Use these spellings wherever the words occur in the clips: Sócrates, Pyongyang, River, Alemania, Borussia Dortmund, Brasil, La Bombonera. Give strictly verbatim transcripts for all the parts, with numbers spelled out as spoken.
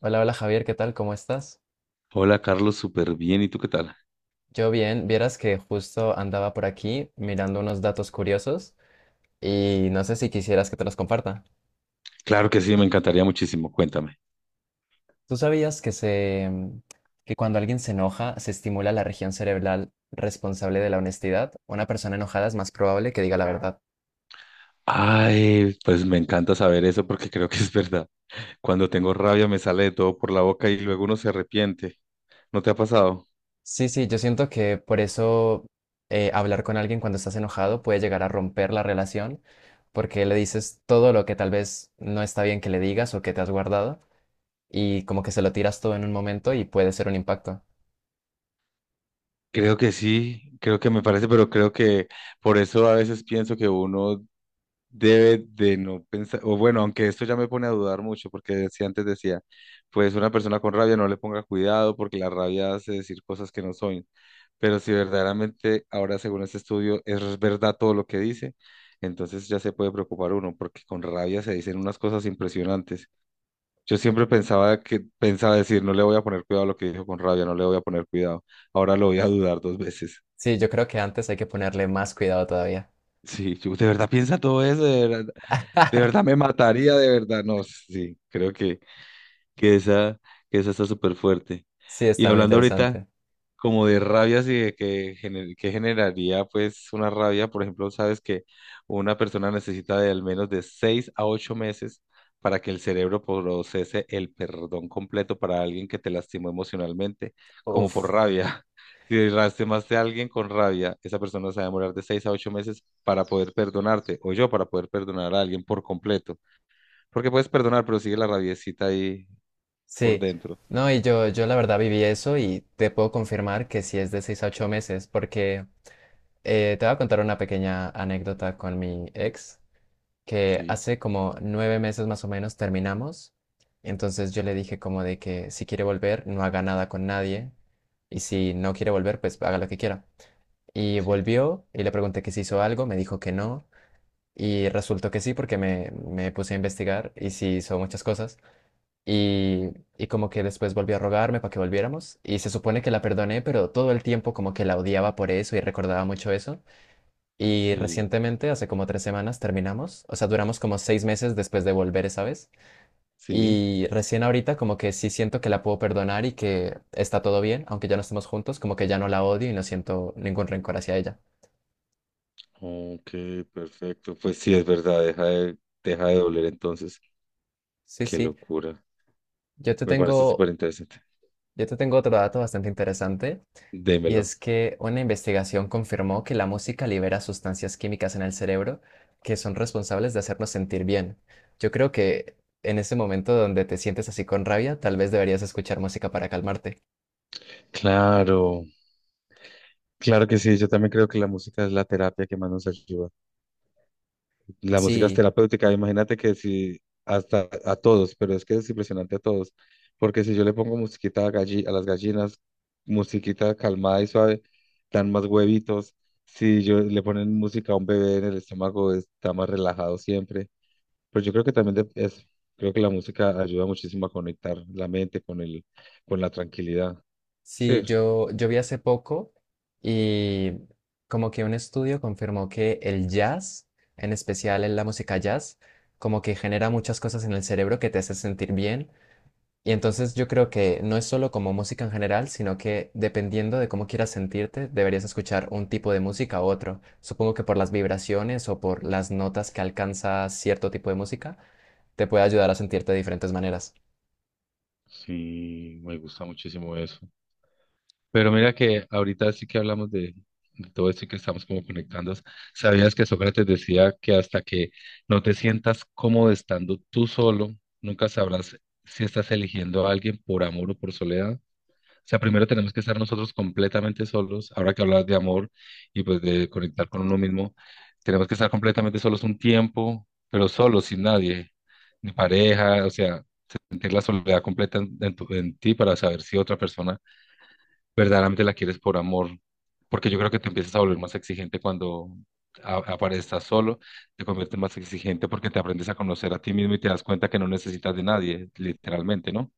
Hola, hola Javier, ¿qué tal? ¿Cómo estás? Hola Carlos, súper bien. ¿Y tú qué tal? Yo bien, vieras que justo andaba por aquí mirando unos datos curiosos y no sé si quisieras que te los comparta. Claro que sí, me encantaría muchísimo. Cuéntame. ¿Tú sabías que se mm, que cuando alguien se enoja se estimula la región cerebral responsable de la honestidad? Una persona enojada es más probable que diga la verdad. Ay, pues me encanta saber eso porque creo que es verdad. Cuando tengo rabia me sale de todo por la boca y luego uno se arrepiente. ¿No te ha pasado? Sí, sí, yo siento que por eso eh, hablar con alguien cuando estás enojado puede llegar a romper la relación porque le dices todo lo que tal vez no está bien que le digas o que te has guardado. Y como que se lo tiras todo en un momento y puede ser un impacto. Creo que sí, creo que me parece, pero creo que por eso a veces pienso que uno debe de no pensar, o bueno, aunque esto ya me pone a dudar mucho, porque si antes decía, pues una persona con rabia no le ponga cuidado porque la rabia hace decir cosas que no son. Pero si verdaderamente ahora, según este estudio, es verdad todo lo que dice, entonces ya se puede preocupar uno, porque con rabia se dicen unas cosas impresionantes. Yo siempre pensaba que, pensaba decir, no le voy a poner cuidado a lo que dijo con rabia, no le voy a poner cuidado. Ahora lo voy a dudar dos veces. Sí, yo creo que antes hay que ponerle más cuidado todavía. Sí, yo de verdad piensa todo eso, de verdad. De verdad me mataría, de verdad. No, sí, creo que, que esa, que esa está súper fuerte. Sí, Y está muy hablando ahorita interesante. como de rabias y de que, gener- que generaría pues una rabia, por ejemplo, sabes que una persona necesita de al menos de seis a ocho meses para que el cerebro procese el perdón completo para alguien que te lastimó emocionalmente, como por Uf, rabia. Si lastimaste a alguien con rabia, esa persona se va a demorar de seis a ocho meses para poder perdonarte, o yo para poder perdonar a alguien por completo. Porque puedes perdonar, pero sigue la rabiecita ahí por sí. dentro. No, y yo, yo la verdad viví eso y te puedo confirmar que sí es de seis a ocho meses, porque eh, te voy a contar una pequeña anécdota con mi ex, que Sí, hace como nueve meses más o menos terminamos. Entonces yo le dije como de que si quiere volver, no haga nada con nadie, y si no quiere volver, pues haga lo que quiera. Y sí, volvió y le pregunté que si hizo algo, me dijo que no. Y resultó que sí, porque me, me puse a investigar y sí hizo muchas cosas. Y, y como que después volvió a rogarme para que volviéramos. Y se supone que la perdoné, pero todo el tiempo como que la odiaba por eso y recordaba mucho eso. Y sí, recientemente, hace como tres semanas, terminamos. O sea, duramos como seis meses después de volver esa vez. sí. Y recién ahorita como que sí siento que la puedo perdonar y que está todo bien, aunque ya no estemos juntos, como que ya no la odio y no siento ningún rencor hacia ella. Ok, perfecto. Pues sí, es verdad, deja de, deja de doler entonces. Sí, Qué sí. locura. Yo te Me parece tengo, súper interesante. yo te tengo otro dato bastante interesante, y Démelo. es que una investigación confirmó que la música libera sustancias químicas en el cerebro que son responsables de hacernos sentir bien. Yo creo que en ese momento donde te sientes así con rabia, tal vez deberías escuchar música para calmarte. Claro, claro que sí, yo también creo que la música es la terapia que más nos ayuda. La música es Sí, terapéutica, imagínate que si hasta a todos, pero es que es impresionante a todos, porque si yo le pongo musiquita a, galli- a las gallinas, musiquita calmada y suave, dan más huevitos, si yo le ponen música a un bebé en el estómago, está más relajado siempre, pero yo creo que también de- es, creo que la música ayuda muchísimo a conectar la mente con el, con la tranquilidad, sí. sí, yo, yo vi hace poco y como que un estudio confirmó que el jazz, en especial en la música jazz, como que genera muchas cosas en el cerebro que te hace sentir bien. Y entonces yo creo que no es solo como música en general, sino que dependiendo de cómo quieras sentirte, deberías escuchar un tipo de música u otro. Supongo que por las vibraciones o por las notas que alcanza cierto tipo de música, te puede ayudar a sentirte de diferentes maneras. Sí, me gusta muchísimo eso. Pero mira que ahorita sí que hablamos de, de todo esto y que estamos como conectando. ¿Sabías que Sócrates decía que hasta que no te sientas cómodo estando tú solo, nunca sabrás si estás eligiendo a alguien por amor o por soledad? O sea, primero tenemos que estar nosotros completamente solos. Ahora que hablas de amor y pues de conectar con uno mismo, tenemos que estar completamente solos un tiempo, pero solos, sin nadie, ni pareja, o sea, sentir la soledad completa en, en tu- en ti para saber si otra persona verdaderamente la quieres por amor, porque yo creo que te empiezas a volver más exigente cuando a- aparezcas solo, te conviertes más exigente porque te aprendes a conocer a ti mismo y te das cuenta que no necesitas de nadie, literalmente, ¿no?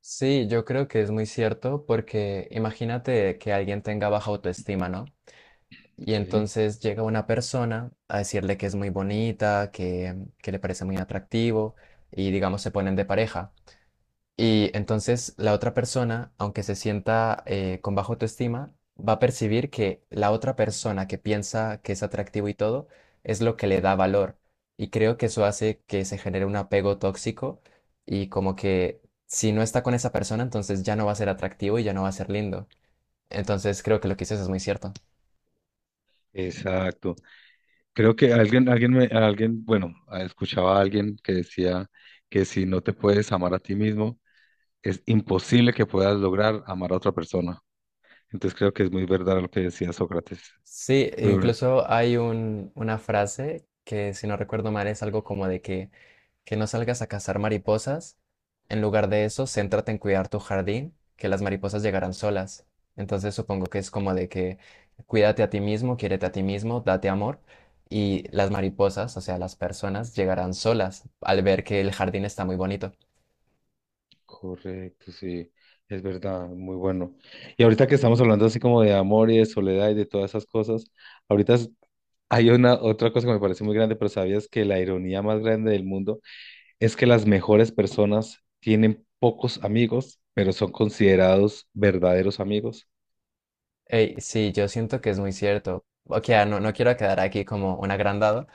Sí, yo creo que es muy cierto porque imagínate que alguien tenga baja autoestima, ¿no? Y Sí, entonces llega una persona a decirle que es muy bonita, que, que le parece muy atractivo, y digamos se ponen de pareja. Y entonces la otra persona, aunque se sienta eh, con baja autoestima, va a percibir que la otra persona que piensa que es atractivo y todo es lo que le da valor. Y creo que eso hace que se genere un apego tóxico, y como que si no está con esa persona, entonces ya no va a ser atractivo y ya no va a ser lindo. Entonces creo que lo que dices es muy cierto. exacto. Creo que alguien, alguien, me- alguien, bueno, ah, escuchaba a alguien que decía que si no te puedes amar a ti mismo, es imposible que puedas lograr amar a otra persona. Entonces creo que es muy verdad lo que decía Sócrates. Sí, Pero bueno. incluso hay un, una frase que, si no recuerdo mal, es algo como de que, que no salgas a cazar mariposas. En lugar de eso, céntrate en cuidar tu jardín, que las mariposas llegarán solas. Entonces supongo que es como de que cuídate a ti mismo, quiérete a ti mismo, date amor, y las mariposas, o sea, las personas, llegarán solas al ver que el jardín está muy bonito. Correcto, sí, es verdad, muy bueno. Y ahorita que estamos hablando así como de amor y de soledad y de todas esas cosas, ahorita es- hay una otra cosa que me parece muy grande, pero ¿sabías que la ironía más grande del mundo es que las mejores personas tienen pocos amigos, pero son considerados verdaderos amigos? Ey, sí, yo siento que es muy cierto. Ok, ah, no, no quiero quedar aquí como un agrandado,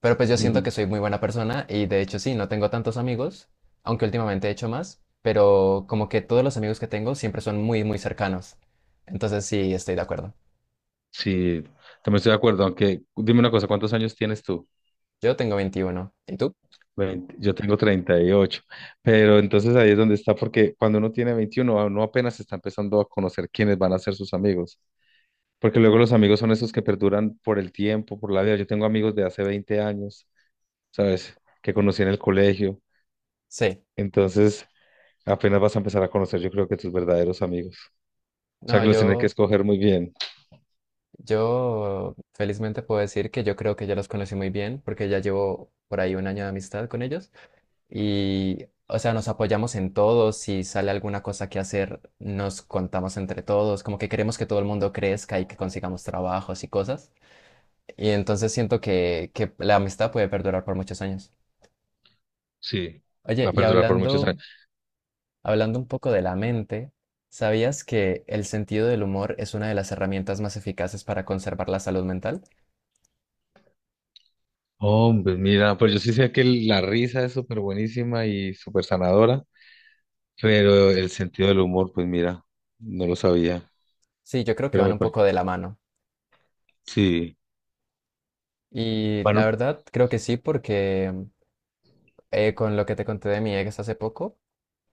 pero pues yo siento Ujú. que soy muy buena persona y de hecho sí, no tengo tantos amigos, aunque últimamente he hecho más, pero como que todos los amigos que tengo siempre son muy, muy cercanos. Entonces sí, estoy de acuerdo. Sí, también estoy de acuerdo, aunque dime una cosa, ¿cuántos años tienes tú? Yo tengo veintiuno. ¿Y tú? veinte, yo tengo treinta y ocho, pero entonces ahí es donde está, porque cuando uno tiene veintiuno a uno apenas está empezando a conocer quiénes van a ser sus amigos, porque luego los amigos son esos que perduran por el tiempo, por la vida. Yo tengo amigos de hace veinte años, ¿sabes? Que conocí en el colegio, Sí. entonces apenas vas a empezar a conocer, yo creo que tus verdaderos amigos, o sea No, que los tienes que yo, escoger muy bien. yo felizmente puedo decir que yo creo que ya los conocí muy bien porque ya llevo por ahí un año de amistad con ellos y, o sea, nos apoyamos en todo. Si sale alguna cosa que hacer, nos contamos entre todos, como que queremos que todo el mundo crezca y que consigamos trabajos y cosas. Y entonces siento que, que la amistad puede perdurar por muchos años. Sí, Oye, va a y perdurar por muchos hablando, años. hablando un poco de la mente, ¿sabías que el sentido del humor es una de las herramientas más eficaces para conservar la salud mental? Hombre, mira, pues yo sí sé que la risa es súper buenísima y súper sanadora. Pero el sentido del humor, pues mira, no lo sabía, Sí, yo creo que pero van me un parece. poco de la mano. Sí, Y la bueno, verdad, creo que sí, porque eh, con lo que te conté de mi ex hace poco,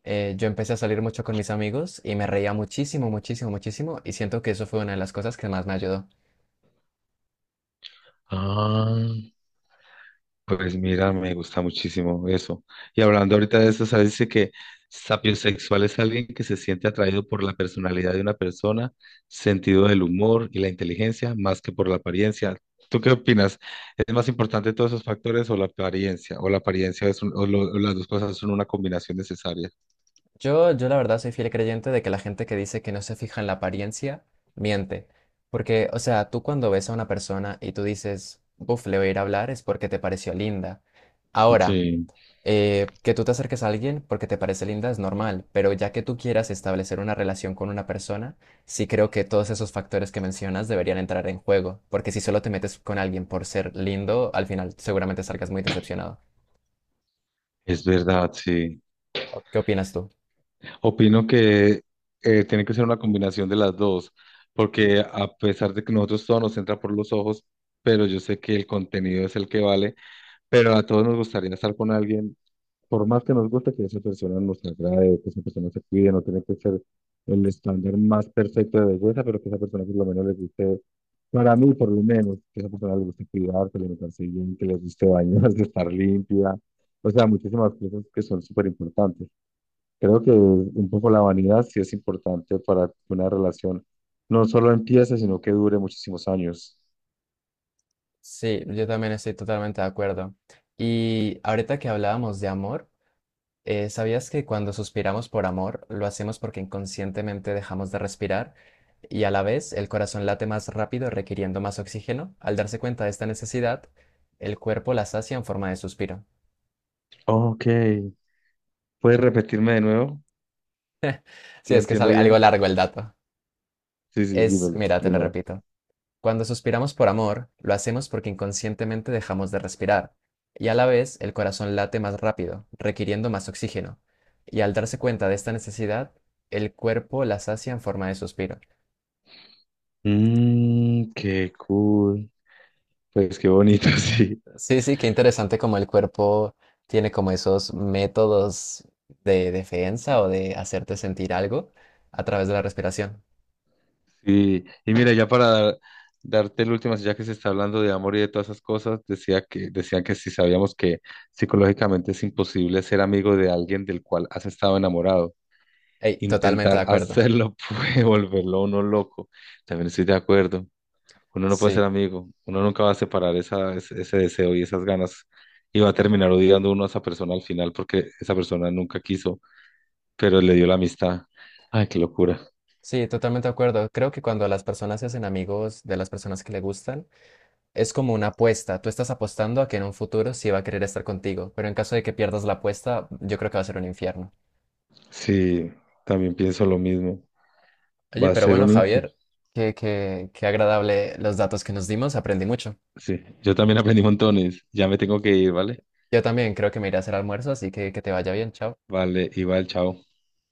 eh, yo empecé a salir mucho con mis amigos y me reía muchísimo, muchísimo, muchísimo, y siento que eso fue una de las cosas que más me ayudó. ah, pues mira, me gusta muchísimo eso. Y hablando ahorita de eso, ¿sabes? Dice que sapiosexual es alguien que se siente atraído por la personalidad de una persona, sentido del humor y la inteligencia, más que por la apariencia. ¿Tú qué opinas? ¿Es más importante todos esos factores o la apariencia? ¿O la apariencia es un- o lo- o las dos cosas son una combinación necesaria? Yo, yo la verdad soy fiel creyente de que la gente que dice que no se fija en la apariencia, miente. Porque, o sea, tú cuando ves a una persona y tú dices, buf, le voy a ir a hablar, es porque te pareció linda. Ahora, Sí, eh, que tú te acerques a alguien porque te parece linda es normal, pero ya que tú quieras establecer una relación con una persona, sí creo que todos esos factores que mencionas deberían entrar en juego. Porque si solo te metes con alguien por ser lindo, al final seguramente salgas muy decepcionado. es verdad, sí. ¿O ¿Qué opinas tú? Opino que eh, tiene que ser una combinación de las dos, porque a pesar de que nosotros todo nos entra por los ojos, pero yo sé que el contenido es el que vale, pero a todos nos gustaría estar con alguien, por más que nos guste que esa persona nos agrade, que esa persona se cuide, no tiene que ser el estándar más perfecto de belleza, pero que esa persona por lo menos le guste, para mí por lo menos, que esa persona le guste cuidarse, alimentarse bien, que le guste bañarse, estar limpia, o sea, muchísimas cosas que son súper importantes. Creo que un poco la vanidad sí es importante para que una relación no solo empiece, sino que dure muchísimos años. Sí, yo también estoy totalmente de acuerdo. Y ahorita que hablábamos de amor, eh, ¿sabías que cuando suspiramos por amor, lo hacemos porque inconscientemente dejamos de respirar y a la vez el corazón late más rápido requiriendo más oxígeno? Al darse cuenta de esta necesidad, el cuerpo la sacia en forma de suspiro. Ok, ¿puedes repetirme de nuevo? Sí, ¿Lo es que es entiendo al- algo bien? largo el dato. Sí, sí, Es, dímelo mira, te de lo nuevo. repito. Cuando suspiramos por amor, lo hacemos porque inconscientemente dejamos de respirar, y a la vez el corazón late más rápido, requiriendo más oxígeno, y al darse cuenta de esta necesidad, el cuerpo la sacia en forma de suspiro. Mmm, qué cool. Pues qué bonito, sí. Sí, sí, qué interesante como el cuerpo tiene como esos métodos de defensa o de hacerte sentir algo a través de la respiración. Sí, y mira, ya para dar- darte el último, ya que se está hablando de amor y de todas esas cosas, decía que, decían que si sabíamos que psicológicamente es imposible ser amigo de alguien del cual has estado enamorado. Ey, totalmente Intentar de acuerdo. hacerlo puede volverlo a uno loco. También estoy de acuerdo. Uno no puede ser Sí, amigo. Uno nunca va a separar esa, ese, ese deseo y esas ganas. Y va a terminar odiando uno a esa persona al final porque esa persona nunca quiso, pero le dio la amistad. Ay, qué locura. sí, totalmente de acuerdo. Creo que cuando las personas se hacen amigos de las personas que le gustan, es como una apuesta. Tú estás apostando a que en un futuro sí va a querer estar contigo, pero en caso de que pierdas la apuesta, yo creo que va a ser un infierno. Sí, también pienso lo mismo. Oye, Va a pero ser bueno, un infiel. Javier, qué, qué, qué agradable los datos que nos dimos, aprendí mucho. Sí, yo también aprendí montones. Ya me tengo que ir, ¿vale? Yo también creo que me iré a hacer almuerzo, así que que te vaya bien, chao. Vale, y va chao.